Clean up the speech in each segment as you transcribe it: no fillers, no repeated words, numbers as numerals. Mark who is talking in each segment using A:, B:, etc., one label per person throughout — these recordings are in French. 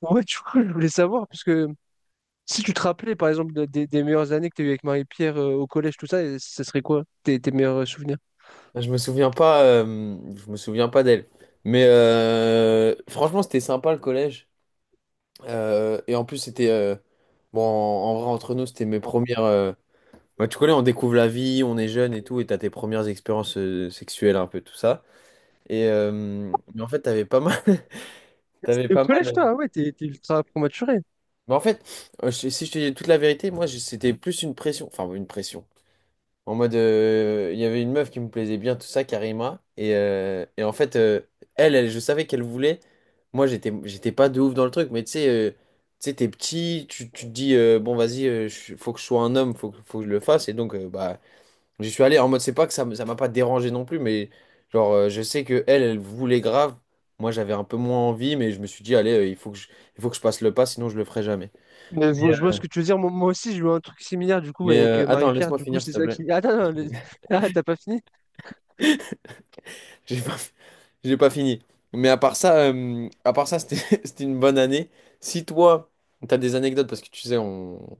A: Ouais, du coup, je voulais savoir, parce que si tu te rappelais, par exemple, des meilleures années que tu as eues avec Marie-Pierre, au collège, tout ça, et ça serait quoi tes, tes meilleurs souvenirs?
B: Je me souviens pas, je me souviens pas d'elle. Mais franchement, c'était sympa le collège. Et en plus, c'était bon. En vrai, entre nous, c'était mes premières. Bah, tu connais, on découvre la vie, on est jeune et tout, et t'as tes premières expériences sexuelles, un peu tout ça. Et mais en fait, t'avais pas mal. T'avais
A: Et au
B: pas mal.
A: collège, toi, ah ouais, t'es ultra prématuré.
B: Mais en fait, si je te dis toute la vérité, moi, c'était plus une pression. Enfin, une pression. En mode, il y avait une meuf qui me plaisait bien, tout ça, Karima. Et en fait, elle, elle, je savais qu'elle voulait. Moi, j'étais pas de ouf dans le truc, mais tu sais, t'es petit, tu te dis, bon, vas-y, faut que je sois un homme, faut que je le fasse. Et donc, bah, j'y suis allé en mode, c'est pas que ça, ça m'a pas dérangé non plus, mais genre, je sais que elle, elle voulait grave. Moi, j'avais un peu moins envie, mais je me suis dit, allez, il faut que je passe le pas, sinon je le ferai jamais.
A: Mais je vois ce que tu veux dire. Moi aussi, j'ai eu un truc similaire, du coup,
B: Mais ok,
A: avec
B: ok, attends, ok.
A: Marie-Pierre.
B: Laisse-moi, d'accord,
A: Du coup,
B: finir, s'il
A: c'est
B: te
A: ça
B: plaît.
A: qui. Ah, non, non, ah, t'as pas fini?
B: J'ai pas, J'ai pas fini. Mais à part ça, c'était c'était une bonne année. Si toi, t'as des anecdotes, parce que tu sais, on,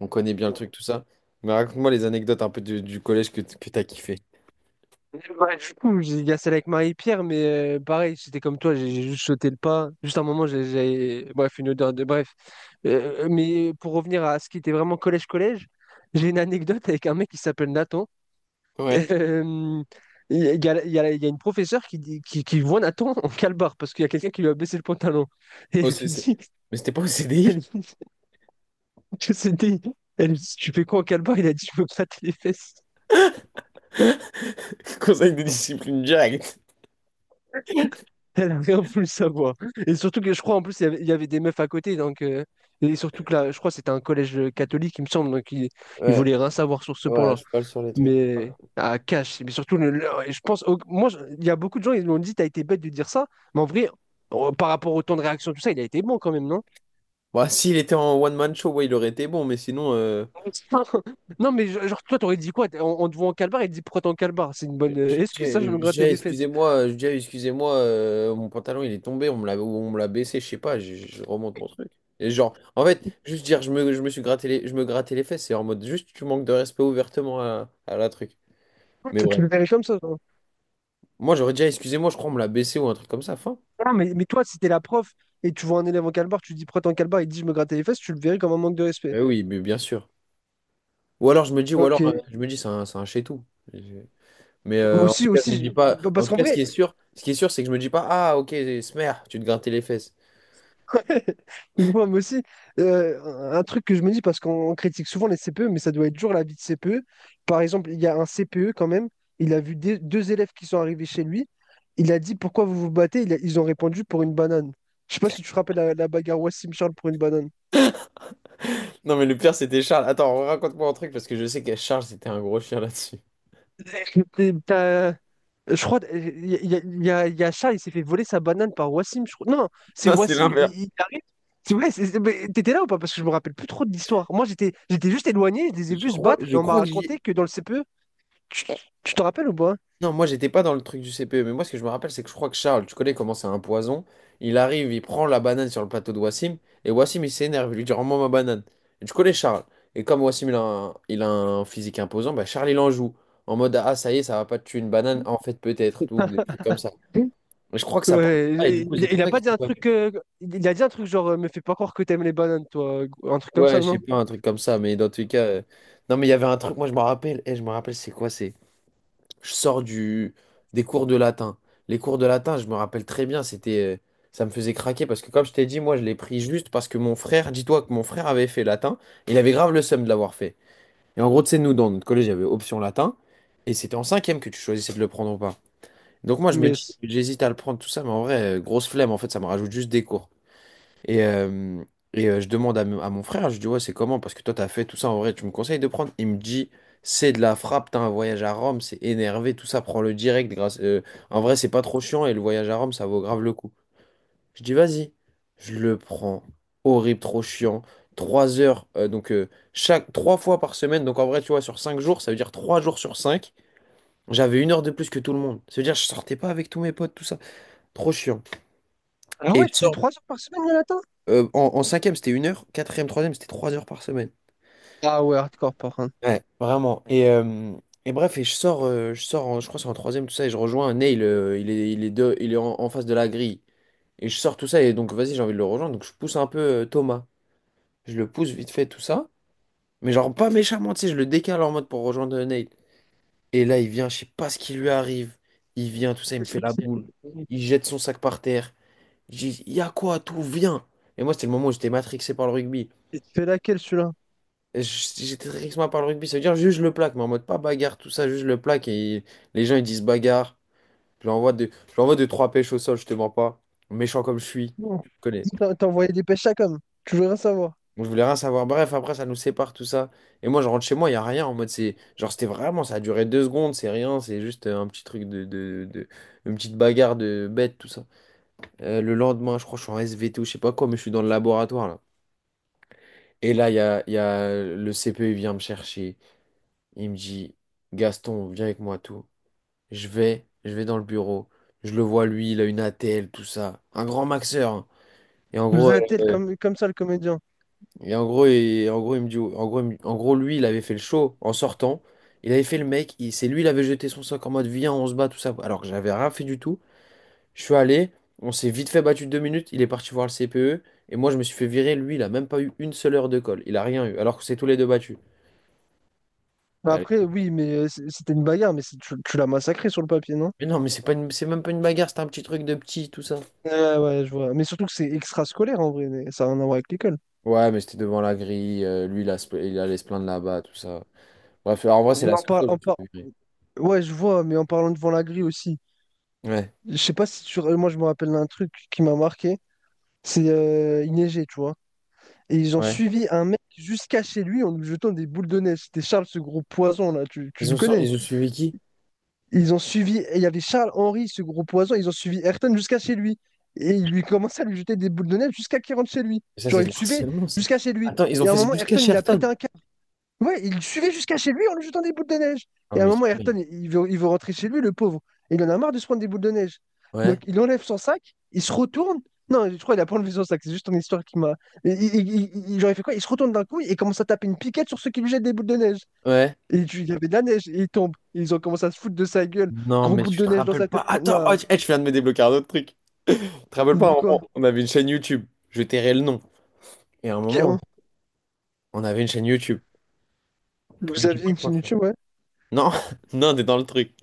B: on connaît bien le truc, tout ça. Mais raconte-moi les anecdotes un peu du collège que t'as kiffé.
A: Ouais, du coup, il y a celle avec Marie-Pierre, mais pareil, c'était comme toi, j'ai juste sauté le pas. Juste un moment, j'ai. Bref, une odeur de. Bref. Mais pour revenir à ce qui était vraiment collège-collège, j'ai une anecdote avec un mec qui s'appelle Nathan.
B: Ouais,
A: Euh, Il y a, une professeure qui, qui voit Nathan en calbar parce qu'il y a quelqu'un qui lui a baissé le pantalon. Et
B: au CC. Mais c'était pas au
A: elle
B: CDI?
A: lui dit que c'était. Elle lui dit, tu fais quoi en calbar? Il a dit, je me gratte les fesses.
B: Conseil de discipline directe.
A: Elle a rien voulu savoir. Et surtout que je crois en plus, il y avait des meufs à côté. Donc, et surtout que là, je crois que c'était un collège catholique, il me semble. Donc, ils il
B: Ouais,
A: voulaient rien savoir sur ce
B: ouais,
A: point-là.
B: je parle sur les trucs.
A: Mais à cash, mais surtout, et je pense, il y a beaucoup de gens, ils m'ont dit, t'as été bête de dire ça, mais en vrai, par rapport au temps de réaction, tout ça, il a été bon quand même, non?
B: Bah, s'il était en one-man show, ouais, il aurait été bon, mais sinon,
A: Non, mais genre, toi, t'aurais dit quoi? On te voit en calbar, il te dit, pourquoi t'es en calbar? C'est une bonne
B: Je dis,
A: excuse, ça, je me grattais les fesses.
B: excusez-moi, je dis, excusez-moi, mon pantalon il est tombé, on me l'a baissé, je sais pas, je remonte mon truc. Et genre, en fait, juste dire, je me grattais les fesses, c'est en mode juste, tu manques de respect ouvertement à la truc. Mais
A: Tu
B: bref,
A: le verrais comme ça, genre.
B: moi j'aurais dit, ah, excusez-moi, je crois on me l'a baissé ou un truc comme ça, fin.
A: Non, mais toi, si t'es la prof et tu vois un élève en calbar, tu dis, pourquoi t'es en calbar, il te dit, je me grattais les fesses, tu le verrais comme un manque de respect.
B: Eh oui, mais bien sûr. Ou
A: Ok.
B: alors je me dis, c'est un chez-tout. Mais en tout
A: Aussi,
B: cas, je me
A: aussi,
B: dis pas, en
A: parce
B: tout
A: qu'en
B: cas,
A: vrai,
B: ce qui est sûr, c'est que je me dis pas, ah ok, smer, tu te grattais les fesses.
A: ouais. Moi aussi, un truc que je me dis, parce qu'on critique souvent les CPE, mais ça doit être dur la vie de CPE. Par exemple, il y a un CPE quand même, il a vu deux élèves qui sont arrivés chez lui, il a dit pourquoi vous vous battez? Ils ont répondu pour une banane. Je sais pas si tu te rappelles la bagarre Wassim Charles pour une banane.
B: Non, mais le pire, c'était Charles. Attends, raconte-moi un truc parce que je sais qu'à Charles, c'était un gros chien là-dessus.
A: T'es- t'as- Je crois, y a Shah, il s'est fait voler sa banane par Wassim, je crois. Non, c'est
B: Non, c'est
A: Wassim,
B: l'inverse.
A: il arrive. C'est vrai, mais t'étais là ou pas? Parce que je me rappelle plus trop de l'histoire. Moi, j'étais juste éloigné, je les ai vus se battre
B: Je
A: et on m'a
B: crois que j'y.
A: raconté que dans le CPE, tu te rappelles ou pas?
B: Non, moi, j'étais pas dans le truc du CPE, mais moi, ce que je me rappelle, c'est que je crois que Charles, tu connais comment c'est un poison. Il arrive, il prend la banane sur le plateau de Wassim, et Wassim, il s'énerve, il lui dit, rends-moi ma banane. Et tu connais Charles. Et comme Wassim, il a un physique imposant, bah, Charles, il en joue. En mode, ah, ça y est, ça va pas te tuer une banane. En fait, peut-être, tout, des trucs comme ça.
A: Oui.
B: Mais je crois que ça parle de
A: Ouais,
B: ça, et du coup, c'est
A: il,
B: pour
A: il a
B: ça qu'ils
A: pas
B: se
A: dit
B: sont.
A: un truc, il a dit un truc genre, me fais pas croire que t'aimes les bananes, toi, un truc comme ça,
B: Ouais, je sais
A: non?
B: pas, un truc comme ça, mais dans tous les cas. Non, mais il y avait un truc, moi je me rappelle, et je me rappelle, c'est quoi? C'est. Je sors des cours de latin. Les cours de latin, je me rappelle très bien, c'était. Ça me faisait craquer parce que, comme je t'ai dit, moi je l'ai pris juste parce que mon frère, dis-toi que mon frère avait fait latin, il avait grave le seum de l'avoir fait. Et en gros, tu sais, nous, dans notre collège, il y avait option latin, et c'était en cinquième que tu choisissais de le prendre ou pas. Donc moi, je me dis,
A: Yes.
B: j'hésite à le prendre, tout ça, mais en vrai, grosse flemme, en fait, ça me rajoute juste des cours. Et, euh, je demande à mon frère, je dis, ouais, c'est comment? Parce que toi, t'as fait tout ça en vrai, tu me conseilles de prendre? Il me dit, c'est de la frappe, t'as un voyage à Rome, c'est énervé, tout ça, prends-le direct. Grâce, en vrai, c'est pas trop chiant et le voyage à Rome, ça vaut grave le coup. Je dis, vas-y, je le prends. Horrible, trop chiant. 3 heures, chaque trois fois par semaine, donc en vrai, tu vois, sur 5 jours, ça veut dire 3 jours sur 5, j'avais une heure de plus que tout le monde. Ça veut dire, je sortais pas avec tous mes potes, tout ça. Trop chiant.
A: Ah
B: Et
A: ouais,
B: je
A: c'est
B: sors.
A: 3 jours par semaine, Jonathan?
B: En cinquième, c'était 1 heure. Quatrième, troisième, c'était 3 heures par semaine.
A: Ah ouais, hardcore par contre.
B: Ouais, vraiment. Et bref, je sors je crois que c'est en troisième, tout ça, et je rejoins Neil, il est en face de la grille. Et je sors tout ça, et donc vas-y, j'ai envie de le rejoindre, donc je pousse un peu Thomas. Je le pousse vite fait, tout ça. Mais genre pas méchamment, tu sais, je le décale en mode pour rejoindre Neil. Et là, il vient, je sais pas ce qui lui arrive. Il vient, tout ça, il me fait la boule. Il jette son sac par terre. J'ai dit, y a quoi, tout, viens. Et moi, c'était le moment où j'étais matrixé par le rugby.
A: Il te fait laquelle celui-là?
B: Je- J'étais très excité par le rugby, ça veut dire juste je le plaque, mais en mode pas bagarre, tout ça, juste je le plaque et les gens ils disent bagarre. Je l'envoie de trois pêches au sol, je te mens pas. Méchant comme je suis,
A: Non.
B: je connais.
A: T'envoyais des pêches à com. Tu voudrais savoir.
B: Donc je voulais rien savoir. Bref, après ça nous sépare tout ça. Et moi je rentre chez moi, il y a rien en mode c'est. Genre c'était vraiment, ça a duré 2 secondes, c'est rien, c'est juste un petit truc une petite bagarre de bête, tout ça. Le lendemain, je crois que je suis en SVT ou je sais pas quoi, mais je suis dans le laboratoire là. Et là, il y a le CPE, il vient me chercher. Il me dit, Gaston, viens avec moi, tout. Je vais dans le bureau. Je le vois, lui, il a une ATL, tout ça. Un grand maxeur, hein. Et
A: Tu
B: en
A: nous
B: gros,
A: as tel
B: euh,
A: comme ça le comédien.
B: et en gros, il me dit, en gros, lui, il avait fait le show en sortant. Il avait fait le mec. C'est lui, il avait jeté son sac en mode, viens, on se bat, tout ça. Alors que j'avais rien fait du tout. Je suis allé, on s'est vite fait battu 2 minutes. Il est parti voir le CPE. Et moi, je me suis fait virer. Lui, il a même pas eu une seule heure de colle. Il a rien eu. Alors que c'est tous les deux battus.
A: Bah,
B: Allez.
A: après, oui, mais c'était une bagarre, mais tu l'as massacré sur le papier, non?
B: Mais non, mais c'est même pas une bagarre, c'est un petit truc de petit, tout ça.
A: Ouais, ouais, je vois. Mais surtout que c'est extrascolaire en vrai, mais ça n'a rien à voir avec l'école.
B: Ouais, mais c'était devant la grille. Lui, il allait se plaindre là-bas, tout ça. Bref, en vrai, c'est
A: Mais
B: la
A: en
B: seule
A: par-
B: fois que je
A: en
B: me suis
A: par-
B: fait virer.
A: Ouais, je vois, mais en parlant devant la grille aussi.
B: Ouais.
A: Je sais pas si tu. Moi, je me rappelle d'un truc qui m'a marqué. C'est il neigeait, tu vois. Et ils ont
B: Ouais.
A: suivi un mec jusqu'à chez lui en lui jetant des boules de neige. C'était Charles, ce gros poison là. Tu le connais?
B: Ils ont suivi qui?
A: Ils ont suivi, il y avait Charles Henry, ce gros poison, ils ont suivi Ayrton jusqu'à chez lui. Et ils lui commençaient à lui jeter des boules de neige jusqu'à qu'il rentre chez lui.
B: Ça,
A: Genre,
B: c'est
A: ils
B: de
A: le suivaient
B: l'harcèlement, ça.
A: jusqu'à chez lui.
B: Attends, ils ont
A: Et à un
B: fait ça
A: moment,
B: jusqu'à
A: Ayrton, il a pété
B: Sherton.
A: un câble. Ouais, il le suivait jusqu'à chez lui en lui jetant des boules de neige.
B: Oh,
A: Et à un
B: mais.
A: moment, Ayrton, il veut rentrer chez lui, le pauvre. Et il en a marre de se prendre des boules de neige.
B: Ouais.
A: Donc, il enlève son sac, il se retourne. Non, je crois qu'il a pas enlevé son sac, c'est juste ton histoire qui m'a. Et genre, il fait quoi? Il se retourne d'un coup et commence à taper une piquette sur ceux qui lui jettent des boules de neige.
B: Ouais.
A: Et il y avait de la neige, et il tombe. Ils ont commencé à se foutre de sa gueule.
B: Non,
A: Gros
B: mais
A: boule
B: tu
A: de
B: te
A: neige dans
B: rappelles.
A: sa tête.
B: Attends, oh,
A: Non,
B: eh, je viens de me débloquer un autre truc. Tu te rappelles pas, à un
A: de
B: moment,
A: quoi?
B: on avait une chaîne YouTube. Je tairai le nom. Et à un
A: Ok,
B: moment,
A: hein.
B: on avait une chaîne YouTube.
A: Vous
B: Mais tu peux
A: aviez une
B: le
A: chaîne
B: montrer.
A: YouTube, ouais?
B: Non, non, t'es dans le truc.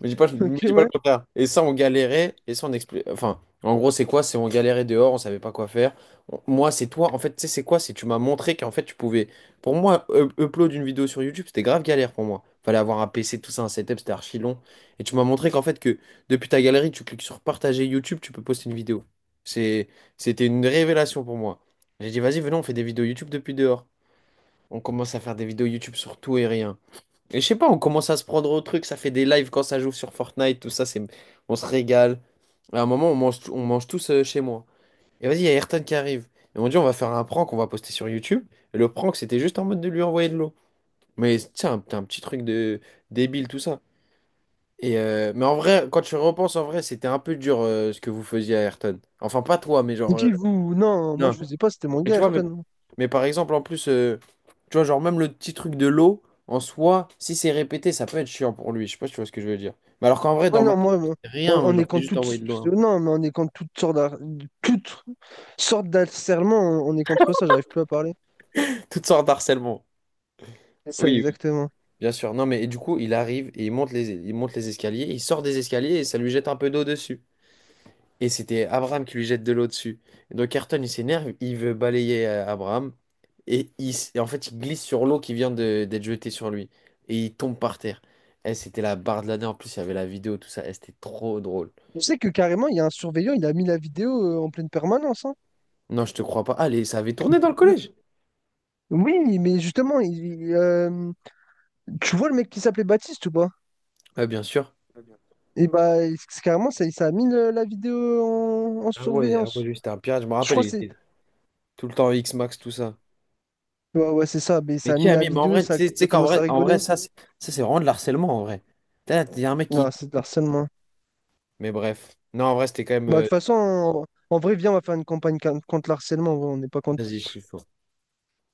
B: Me
A: Ok,
B: dis pas le
A: ouais.
B: contraire. Et ça, on galérait, enfin, en gros, c'est quoi? C'est on galérait dehors, on savait pas quoi faire. Moi, c'est toi. En fait, tu sais, c'est quoi? C'est tu m'as montré qu'en fait, tu pouvais. Pour moi, upload une vidéo sur YouTube, c'était grave galère pour moi. Fallait avoir un PC, tout ça, un setup, c'était archi long. Et tu m'as montré qu'en fait, que depuis ta galerie, tu cliques sur partager YouTube, tu peux poster une vidéo. C'est, c'était une révélation pour moi. J'ai dit, vas-y, venons, on fait des vidéos YouTube depuis dehors. On commence à faire des vidéos YouTube sur tout et rien. Et je sais pas, on commence à se prendre au truc, ça fait des lives quand ça joue sur Fortnite, tout ça, c'est, on se régale. À un moment, on mange tous chez moi. Et vas-y, il y a Ayrton qui arrive. Et on dit, on va faire un prank, on va poster sur YouTube. Et le prank, c'était juste en mode de lui envoyer de l'eau. Mais tiens, un petit truc de débile, tout ça. Et mais en vrai, quand je repense, en vrai, c'était un peu dur ce que vous faisiez à Ayrton. Enfin, pas toi, mais
A: Et
B: genre.
A: puis vous? Non, moi
B: Non.
A: je faisais pas, c'était mon
B: Mais
A: gars,
B: tu vois, mais,
A: Ayrton.
B: mais par exemple, en plus, tu vois, genre même le petit truc de l'eau, en soi, si c'est répété, ça peut être chiant pour lui. Je sais pas si tu vois ce que je veux dire. Mais alors qu'en vrai,
A: Oui,
B: dans ma
A: non,
B: tête, c'est
A: on,
B: rien,
A: on est
B: genre, t'es
A: contre
B: juste
A: toutes.
B: envoyé de l'eau, hein.
A: Non, mais on est contre toutes sortes toutes d'harcèlement, on est contre ça, j'arrive plus à parler.
B: Toutes sortes d'harcèlement.
A: C'est ça,
B: Oui, oui,
A: exactement.
B: bien sûr. Non, mais et du coup, il arrive et il monte les escaliers, il sort des escaliers et ça lui jette un peu d'eau dessus. Et c'était Abraham qui lui jette de l'eau dessus. Et donc Ayrton, il s'énerve, il veut balayer Abraham. Et en fait, il glisse sur l'eau qui vient d'être jetée sur lui. Et il tombe par terre. Eh, c'était la barre de l'année. En plus, il y avait la vidéo, tout ça. Eh, c'était trop drôle.
A: Tu sais que carrément, il y a un surveillant, il a mis la vidéo en pleine permanence, hein.
B: Non, je te crois pas. Allez, ça avait tourné dans le collège.
A: Oui, mais justement, tu vois le mec qui s'appelait Baptiste ou pas?
B: Ah, bien sûr.
A: Et bah, c'est carrément, ça a mis la vidéo en
B: Ah ouais, ah ouais,
A: surveillance.
B: lui, c'était un pirate. Je me
A: Je
B: rappelle,
A: crois
B: il
A: que c'est.
B: était tout le temps X-Max, tout ça.
A: Ouais, ouais, c'est ça. Mais
B: Mais
A: ça a
B: qui
A: mis
B: a
A: la
B: mis? Mais en
A: vidéo,
B: vrai, tu
A: ça,
B: sais tu
A: ça
B: sais qu'en
A: commence à
B: vrai, en vrai,
A: rigoler.
B: ça, c'est vraiment de l'harcèlement, en vrai. Il y a un mec qui...
A: Ah, c'est de l'harcèlement.
B: Mais bref. Non, en vrai, c'était quand même...
A: Bah, de toute façon, en vrai, viens, on va faire une campagne contre l'harcèlement, ouais. On n'est pas contre.
B: Vas-y, je suis chaud.